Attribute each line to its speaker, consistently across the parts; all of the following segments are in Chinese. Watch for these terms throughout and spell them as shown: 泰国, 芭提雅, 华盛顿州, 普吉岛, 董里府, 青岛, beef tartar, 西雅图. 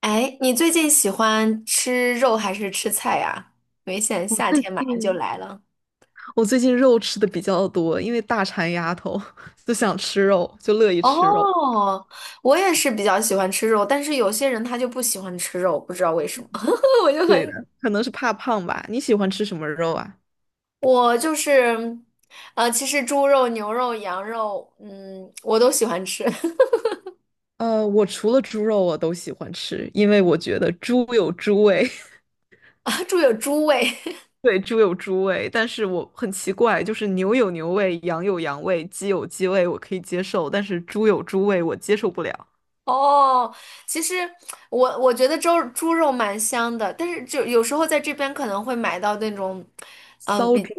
Speaker 1: 哎，你最近喜欢吃肉还是吃菜呀？因为现在
Speaker 2: 我
Speaker 1: 夏
Speaker 2: 最
Speaker 1: 天马上就
Speaker 2: 近
Speaker 1: 来了。
Speaker 2: 我最近肉吃的比较多，因为大馋丫头 就想吃肉，就乐意吃肉。
Speaker 1: 哦，我也是比较喜欢吃肉，但是有些人他就不喜欢吃肉，不知道为什么。我就
Speaker 2: 对
Speaker 1: 很，
Speaker 2: 的，可能是怕胖吧。你喜欢吃什么肉啊？
Speaker 1: 我就是，其实猪肉、牛肉、羊肉，嗯，我都喜欢吃。
Speaker 2: 我除了猪肉我都喜欢吃，因为我觉得猪有猪味，
Speaker 1: 啊，猪有猪味。
Speaker 2: 对，猪有猪味。但是我很奇怪，就是牛有牛味，羊有羊味，鸡有鸡味，我可以接受，但是猪有猪味，我接受不了。
Speaker 1: 哦，其实我觉得猪肉蛮香的，但是就有时候在这边可能会买到那种，嗯，
Speaker 2: 骚
Speaker 1: 比
Speaker 2: 猪，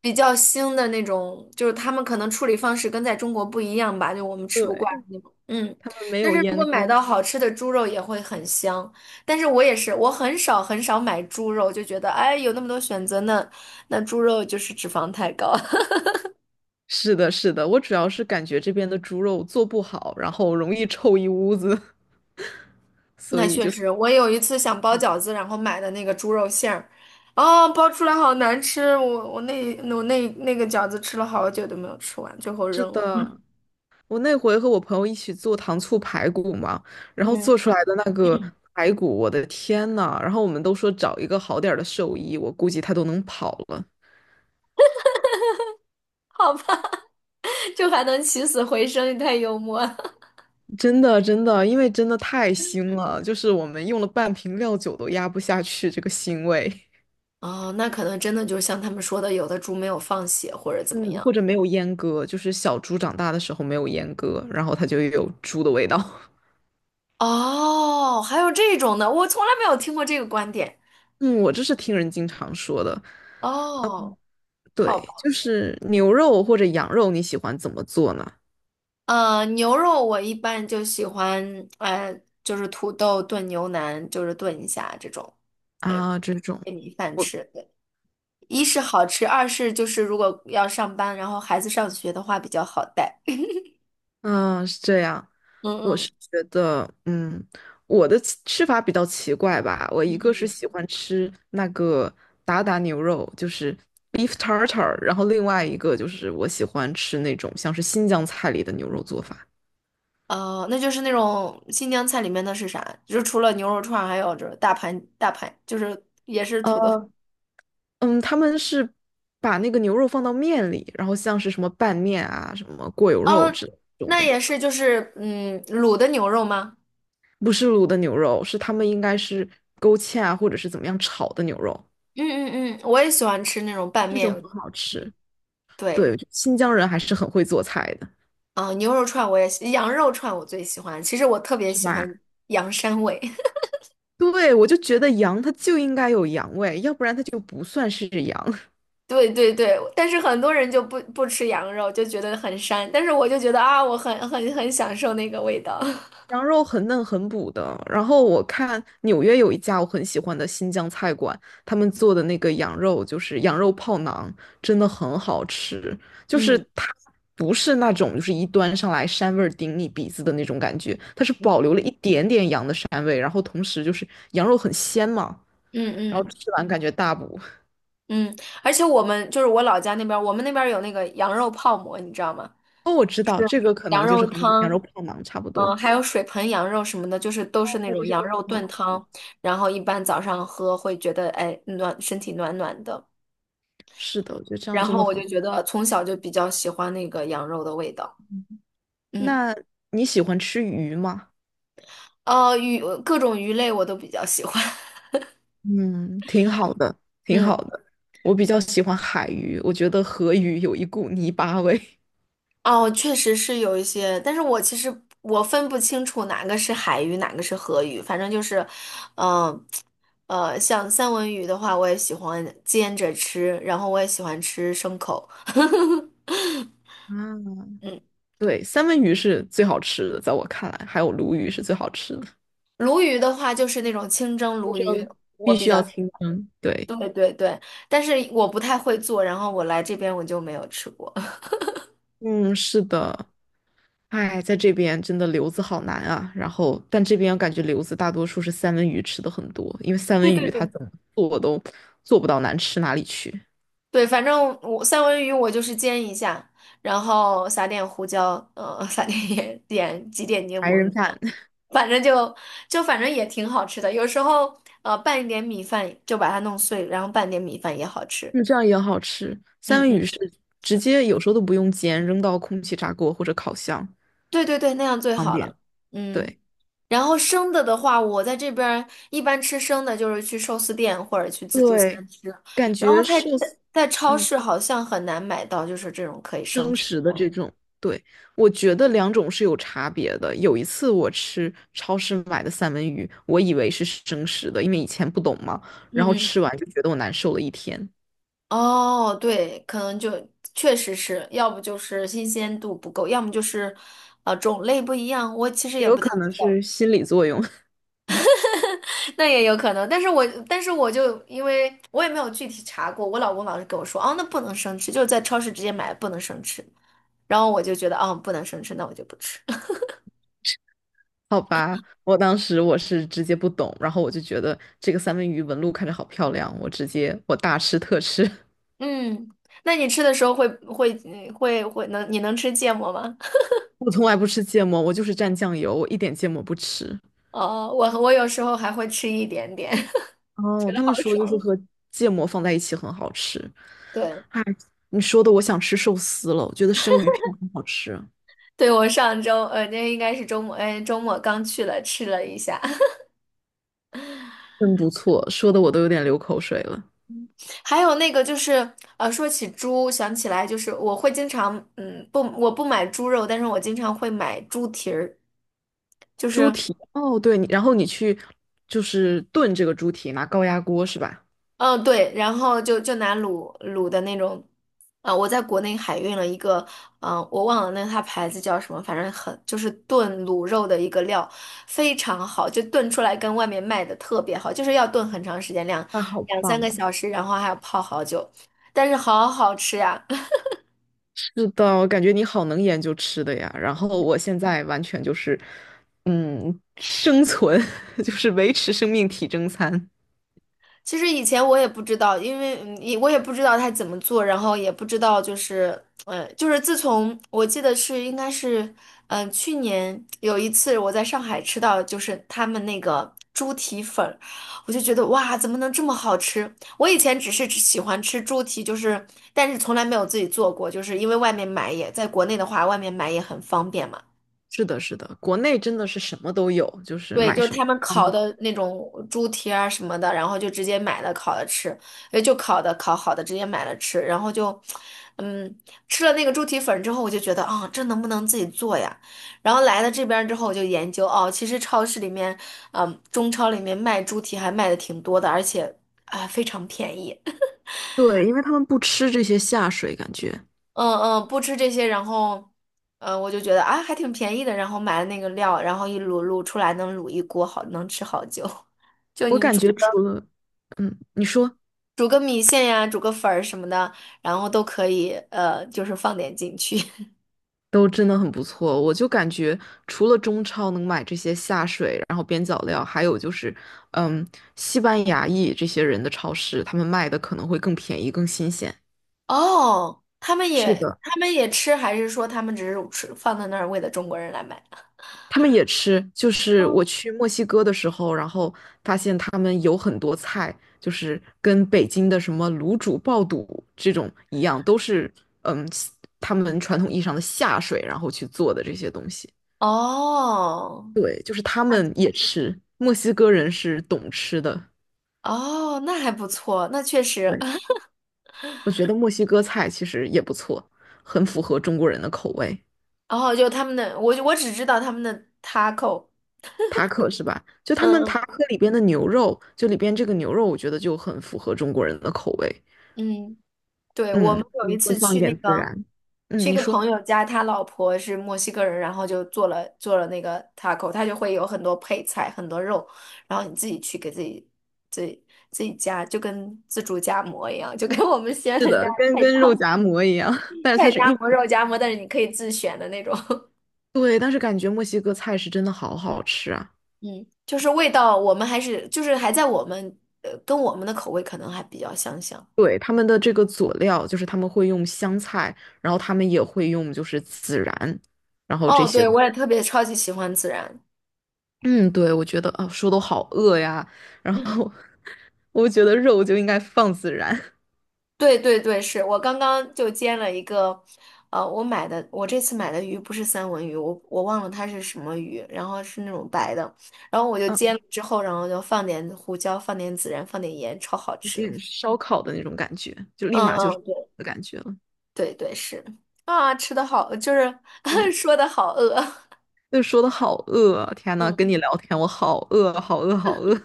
Speaker 1: 比较腥的那种，就是他们可能处理方式跟在中国不一样吧，就我们 吃不惯
Speaker 2: 对，
Speaker 1: 那种。嗯，
Speaker 2: 他们没
Speaker 1: 但
Speaker 2: 有
Speaker 1: 是如果
Speaker 2: 阉
Speaker 1: 买
Speaker 2: 割。
Speaker 1: 到好吃的猪肉也会很香，但是我也是，我很少很少买猪肉，就觉得哎有那么多选择呢，那猪肉就是脂肪太高。
Speaker 2: 是的，是的，我主要是感觉这边的猪肉做不好，然后容易臭一屋子，所
Speaker 1: 那
Speaker 2: 以
Speaker 1: 确
Speaker 2: 就是
Speaker 1: 实，我有一次想包饺子，然后买的那个猪肉馅儿，啊、包出来好难吃，我那个饺子吃了好久都没有吃完，最后
Speaker 2: 是
Speaker 1: 扔了。
Speaker 2: 的。我那回和我朋友一起做糖醋排骨嘛，然后
Speaker 1: 嗯。
Speaker 2: 做出来的那个排骨，我的天呐！然后我们都说找一个好点儿的兽医，我估计他都能跑了。
Speaker 1: 好吧。就还能起死回生，你太幽默了。
Speaker 2: 真的，真的，因为真的太腥了，就是我们用了半瓶料酒都压不下去这个腥味。
Speaker 1: 哦，那可能真的就像他们说的，有的猪没有放血或者怎么
Speaker 2: 嗯，
Speaker 1: 样。
Speaker 2: 或者没有阉割，就是小猪长大的时候没有阉割，然后它就有猪的味道。
Speaker 1: 哦，还有这种的，我从来没有听过这个观点。
Speaker 2: 嗯，我这是听人经常说的，
Speaker 1: 哦，好
Speaker 2: 对，
Speaker 1: 吧。
Speaker 2: 就是牛肉或者羊肉，你喜欢怎么做呢？
Speaker 1: 牛肉我一般就喜欢，就是土豆炖牛腩，就是炖一下这种，呃，
Speaker 2: 啊，这种，
Speaker 1: 配米饭
Speaker 2: 我，
Speaker 1: 吃。对，一是好吃，二是就是如果要上班，然后孩子上学的话比较好带。
Speaker 2: 嗯，是这样，
Speaker 1: 嗯
Speaker 2: 我是
Speaker 1: 嗯。
Speaker 2: 觉得，嗯，我的吃吃法比较奇怪吧，我一个是喜欢吃那个达达牛肉，就是 beef tartar，然后另外一个就是我喜欢吃那种像是新疆菜里的牛肉做法。
Speaker 1: 那就是那种新疆菜里面的是啥？就是除了牛肉串儿还有就是大盘大盘，就是也是土豆。
Speaker 2: 呃嗯，他们是把那个牛肉放到面里，然后像是什么拌面啊、什么过油肉
Speaker 1: 哦，
Speaker 2: 这种
Speaker 1: 那
Speaker 2: 的，
Speaker 1: 也是就是嗯卤的牛肉吗？
Speaker 2: 不是卤的牛肉，是他们应该是勾芡啊，或者是怎么样炒的牛肉，
Speaker 1: 嗯嗯嗯，我也喜欢吃那种拌
Speaker 2: 这
Speaker 1: 面。
Speaker 2: 种很好
Speaker 1: 嗯，
Speaker 2: 吃。
Speaker 1: 对。
Speaker 2: 对，我觉得新疆人还是很会做菜的，
Speaker 1: 啊，呃牛肉串我也喜，羊肉串我最喜欢。其实我特别
Speaker 2: 是
Speaker 1: 喜
Speaker 2: 吧？
Speaker 1: 欢羊膻味。
Speaker 2: 对，我就觉得羊它就应该有羊味，要不然它就不算是羊。
Speaker 1: 对对对。但是很多人就不吃羊肉，就觉得很膻。但是我就觉得啊，我很很很享受那个味道。
Speaker 2: 羊肉很嫩很补的。然后我看纽约有一家我很喜欢的新疆菜馆，他们做的那个羊肉就是羊肉泡馕，真的很好吃。就是
Speaker 1: 嗯
Speaker 2: 它不是那种就是一端上来膻味儿顶你鼻子的那种感觉，它是保留了一点点羊的膻味，然后同时就是羊肉很鲜嘛，
Speaker 1: 嗯
Speaker 2: 然后
Speaker 1: 嗯
Speaker 2: 吃完感觉大补。
Speaker 1: 嗯。而且我们就是我老家那边儿，我们那边儿有那个羊肉泡馍，你知道吗？
Speaker 2: 哦，我知
Speaker 1: 就
Speaker 2: 道
Speaker 1: 是
Speaker 2: 这个可
Speaker 1: 羊
Speaker 2: 能就是
Speaker 1: 肉
Speaker 2: 和那个羊
Speaker 1: 汤。
Speaker 2: 肉泡馕差不
Speaker 1: 嗯，
Speaker 2: 多。
Speaker 1: 还有水盆羊肉什么的，就是都是
Speaker 2: 哦，
Speaker 1: 那
Speaker 2: 这
Speaker 1: 种
Speaker 2: 些
Speaker 1: 羊
Speaker 2: 都
Speaker 1: 肉
Speaker 2: 很好
Speaker 1: 炖
Speaker 2: 吃。
Speaker 1: 汤，然后一般早上喝会觉得哎暖，身体暖暖的。
Speaker 2: 是的，我觉得这样
Speaker 1: 然
Speaker 2: 真
Speaker 1: 后
Speaker 2: 的
Speaker 1: 我就
Speaker 2: 很。
Speaker 1: 觉得从小就比较喜欢那个羊肉的味道。嗯。
Speaker 2: 那你喜欢吃鱼吗？
Speaker 1: 鱼各种鱼类我都比较喜欢。
Speaker 2: 嗯，挺好的，挺
Speaker 1: 嗯。
Speaker 2: 好的。我比较喜欢海鱼，我觉得河鱼有一股泥巴味。
Speaker 1: 哦，确实是有一些，但是我其实分不清楚哪个是海鱼，哪个是河鱼，反正就是，嗯、像三文鱼的话，我也喜欢煎着吃，然后我也喜欢吃生口。
Speaker 2: 啊，
Speaker 1: 嗯。
Speaker 2: 对，三文鱼是最好吃的，在我看来，还有鲈鱼是最好吃的。
Speaker 1: 鲈鱼的话就是那种清蒸
Speaker 2: 清
Speaker 1: 鲈鱼，
Speaker 2: 蒸
Speaker 1: 我
Speaker 2: 必
Speaker 1: 比
Speaker 2: 须要
Speaker 1: 较，
Speaker 2: 清蒸，对，
Speaker 1: 对对对，但是我不太会做，然后我来这边我就没有吃过。
Speaker 2: 嗯，是的。哎，在这边真的留子好难啊。然后，但这边我感觉留子大多数是三文鱼吃的很多，因为三
Speaker 1: 对
Speaker 2: 文
Speaker 1: 对
Speaker 2: 鱼它
Speaker 1: 对。
Speaker 2: 怎么做都做不到难吃哪里去。
Speaker 1: 对，反正我三文鱼就是煎一下，然后撒点胡椒，撒点盐，点几点柠
Speaker 2: 白
Speaker 1: 檬
Speaker 2: 人
Speaker 1: 酱，
Speaker 2: 饭。
Speaker 1: 反正就也挺好吃的。有时候呃拌一点米饭，就把它弄碎，然后拌点米饭也好吃。
Speaker 2: 是这样也好吃。三
Speaker 1: 嗯
Speaker 2: 文鱼
Speaker 1: 嗯，
Speaker 2: 是直接有时候都不用煎，扔到空气炸锅或者烤箱，
Speaker 1: 对对对，那样最
Speaker 2: 方
Speaker 1: 好了。
Speaker 2: 便。
Speaker 1: 嗯，
Speaker 2: 对
Speaker 1: 然后生的的话，我在这边儿一般吃生的，就是去寿司店或者去自助
Speaker 2: 对，
Speaker 1: 餐吃，
Speaker 2: 感
Speaker 1: 然
Speaker 2: 觉
Speaker 1: 后在
Speaker 2: 寿司
Speaker 1: 在在超
Speaker 2: 嗯，
Speaker 1: 市好像很难买到，就是这种可以生
Speaker 2: 生
Speaker 1: 吃的。
Speaker 2: 食的这种，对，我觉得两种是有差别的。有一次我吃超市买的三文鱼，我以为是生食的，因为以前不懂嘛，
Speaker 1: 嗯
Speaker 2: 然后
Speaker 1: 嗯。嗯，
Speaker 2: 吃完就觉得我难受了一天，
Speaker 1: 哦，对，可能就确实是，要不就是新鲜度不够，要么就是，种类不一样。我其实
Speaker 2: 也
Speaker 1: 也
Speaker 2: 有
Speaker 1: 不太
Speaker 2: 可能
Speaker 1: 知道。
Speaker 2: 是心理作用。
Speaker 1: 那也有可能。但是我就因为我也没有具体查过，我老公老是跟我说，哦，那不能生吃，就是在超市直接买，不能生吃。然后我就觉得，哦，不能生吃，那我就不吃。
Speaker 2: 好吧，我当时我是直接不懂，然后我就觉得这个三文鱼纹路看着好漂亮，我直接我大吃特吃。
Speaker 1: 嗯，那你吃的时候会会嗯会会能你能吃芥末吗？
Speaker 2: 我从来不吃芥末，我就是蘸酱油，我一点芥末不吃。
Speaker 1: 哦，我有时候还会吃一点点。
Speaker 2: 哦，他
Speaker 1: 好
Speaker 2: 们说就是
Speaker 1: 爽。
Speaker 2: 和芥末放在一起很好吃。
Speaker 1: 对。
Speaker 2: 哎，你说的我想吃寿司了，我觉得生鱼片很好吃，
Speaker 1: 对，我上周，那应该是周末，哎，周末刚去了，吃了一下。
Speaker 2: 真不错，说的我都有点流口水了。
Speaker 1: 还有那个就是，说起猪，想起来就是我会经常，嗯，不，我不买猪肉，但是我经常会买猪蹄儿，就
Speaker 2: 猪
Speaker 1: 是。
Speaker 2: 蹄，哦，对，你然后你去就是炖这个猪蹄，拿高压锅是吧？
Speaker 1: 嗯，对，然后就拿卤的那种，啊、我在国内海运了一个，嗯、我忘了那它牌子叫什么，反正很就是炖卤肉的一个料，非常好，就炖出来跟外面卖的特别好，就是要炖很长时间，两
Speaker 2: 那好
Speaker 1: 两三个
Speaker 2: 棒。
Speaker 1: 小时，然后还要泡好久，但是好好吃呀、
Speaker 2: 是的，我感觉你好能研究吃的呀。然后我现在完全就是，嗯，生存 就是维持生命体征餐。
Speaker 1: 其实以前我也不知道，因为我也不知道他怎么做，然后也不知道就是，嗯，就是自从我记得是应该是，去年有一次我在上海吃到就是他们那个猪蹄粉儿，我就觉得哇，怎么能这么好吃？我以前只是只喜欢吃猪蹄，就是但是从来没有自己做过，就是因为外面买也在国内的话，外面买也很方便嘛。
Speaker 2: 是的，是的，国内真的是什么都有，就是
Speaker 1: 对，
Speaker 2: 买
Speaker 1: 就是
Speaker 2: 什么
Speaker 1: 他们
Speaker 2: 方
Speaker 1: 烤
Speaker 2: 便。
Speaker 1: 的那种猪蹄啊什么的，然后就直接买了烤了吃，就烤的烤好的直接买了吃，然后就，嗯，吃了那个猪蹄粉之后，我就觉得啊，这能不能自己做呀？然后来了这边儿之后，我就研究哦，其实超市里面，嗯，中超里面卖猪蹄还卖的挺多的，而且啊非常便宜。
Speaker 2: 对，因为他们不吃这些下水，感觉
Speaker 1: 嗯嗯，不吃这些，然后，嗯，我就觉得啊还挺便宜的，然后买了那个料，然后一卤卤出来能卤一锅好，能吃好久。就
Speaker 2: 我
Speaker 1: 您
Speaker 2: 感
Speaker 1: 煮。
Speaker 2: 觉除了，嗯，你说
Speaker 1: 煮个米线呀，煮个粉儿什么的，然后都可以，就是放点进去。
Speaker 2: 都真的很不错。我就感觉除了中超能买这些下水，然后边角料，还有就是，嗯，西班牙裔这些人的超市，他们卖的可能会更便宜、更新鲜。
Speaker 1: 哦，他们
Speaker 2: 是
Speaker 1: 也
Speaker 2: 的。
Speaker 1: 他们也吃，还是说他们只是吃放在那儿为了中国人来买？
Speaker 2: 他们也吃，就是
Speaker 1: 嗯，
Speaker 2: 我去墨西哥的时候，然后发现他们有很多菜，就是跟北京的什么卤煮、爆肚这种一样，都是嗯，他们传统意义上的下水，然后去做的这些东西。
Speaker 1: 哦
Speaker 2: 对，就是他
Speaker 1: 那
Speaker 2: 们也吃，墨西哥人是懂吃的。
Speaker 1: 哦，那还不错，那确实。
Speaker 2: 对，我觉得墨西哥菜其实也不错，很符合中国人的口味。
Speaker 1: 然后就他们的，我只知道他们的 taco。
Speaker 2: 塔可是吧？就他们
Speaker 1: 嗯
Speaker 2: 塔可里边的牛肉，就里边这个牛肉，我觉得就很符合中国人的口味。
Speaker 1: 嗯，对，我们
Speaker 2: 嗯
Speaker 1: 有一
Speaker 2: 嗯会
Speaker 1: 次
Speaker 2: 放一
Speaker 1: 去那
Speaker 2: 点孜
Speaker 1: 个。
Speaker 2: 然。
Speaker 1: 去
Speaker 2: 嗯，
Speaker 1: 一
Speaker 2: 你
Speaker 1: 个
Speaker 2: 说。
Speaker 1: 朋友家，他老婆是墨西哥人，然后就做了那个 taco，他就会有很多配菜，很多肉，然后你自己去给自己自己加，就跟自助夹馍一样，就跟我们西安
Speaker 2: 是
Speaker 1: 的家
Speaker 2: 的，跟
Speaker 1: 菜夹
Speaker 2: 跟肉夹馍一样，但是
Speaker 1: 菜
Speaker 2: 它是
Speaker 1: 夹
Speaker 2: 玉
Speaker 1: 馍、
Speaker 2: 米。
Speaker 1: 肉夹馍，但是你可以自选的那种。
Speaker 2: 对，但是感觉墨西哥菜是真的好好吃啊。
Speaker 1: 嗯，就是味道，我们还是就是还在我们呃跟我们的口味可能还比较相像。
Speaker 2: 对，他们的这个佐料，就是他们会用香菜，然后他们也会用就是孜然，然后这
Speaker 1: 哦，
Speaker 2: 些。
Speaker 1: 对，我也特别超级喜欢孜然。
Speaker 2: 嗯，对，我觉得啊，说都好饿呀。然后 我觉得肉就应该放孜然，
Speaker 1: 对对对，是我刚刚就煎了一个，我买的，我这次买的鱼不是三文鱼，我忘了它是什么鱼，然后是那种白的，然后我就煎
Speaker 2: 嗯，
Speaker 1: 了之后，然后就放点胡椒，放点孜然，放点盐，超好
Speaker 2: 有
Speaker 1: 吃。
Speaker 2: 点 烧烤的那种感觉，就立
Speaker 1: 嗯
Speaker 2: 马就是
Speaker 1: 嗯，
Speaker 2: 的感觉了。
Speaker 1: 对对是，啊，吃的好，就是
Speaker 2: 对，
Speaker 1: 说的好饿。
Speaker 2: 就说的好饿啊，天呐，跟
Speaker 1: 嗯
Speaker 2: 你聊天我好饿，好饿，好饿，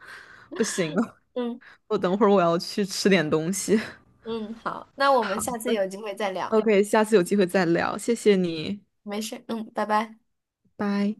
Speaker 2: 不行了，
Speaker 1: 嗯
Speaker 2: 我等会儿我要去吃点东西。
Speaker 1: 嗯，好，那我们
Speaker 2: 好
Speaker 1: 下次有机会再聊，
Speaker 2: ，OK，下次有机会再聊，谢谢你，
Speaker 1: 没事，嗯，拜拜。
Speaker 2: 拜。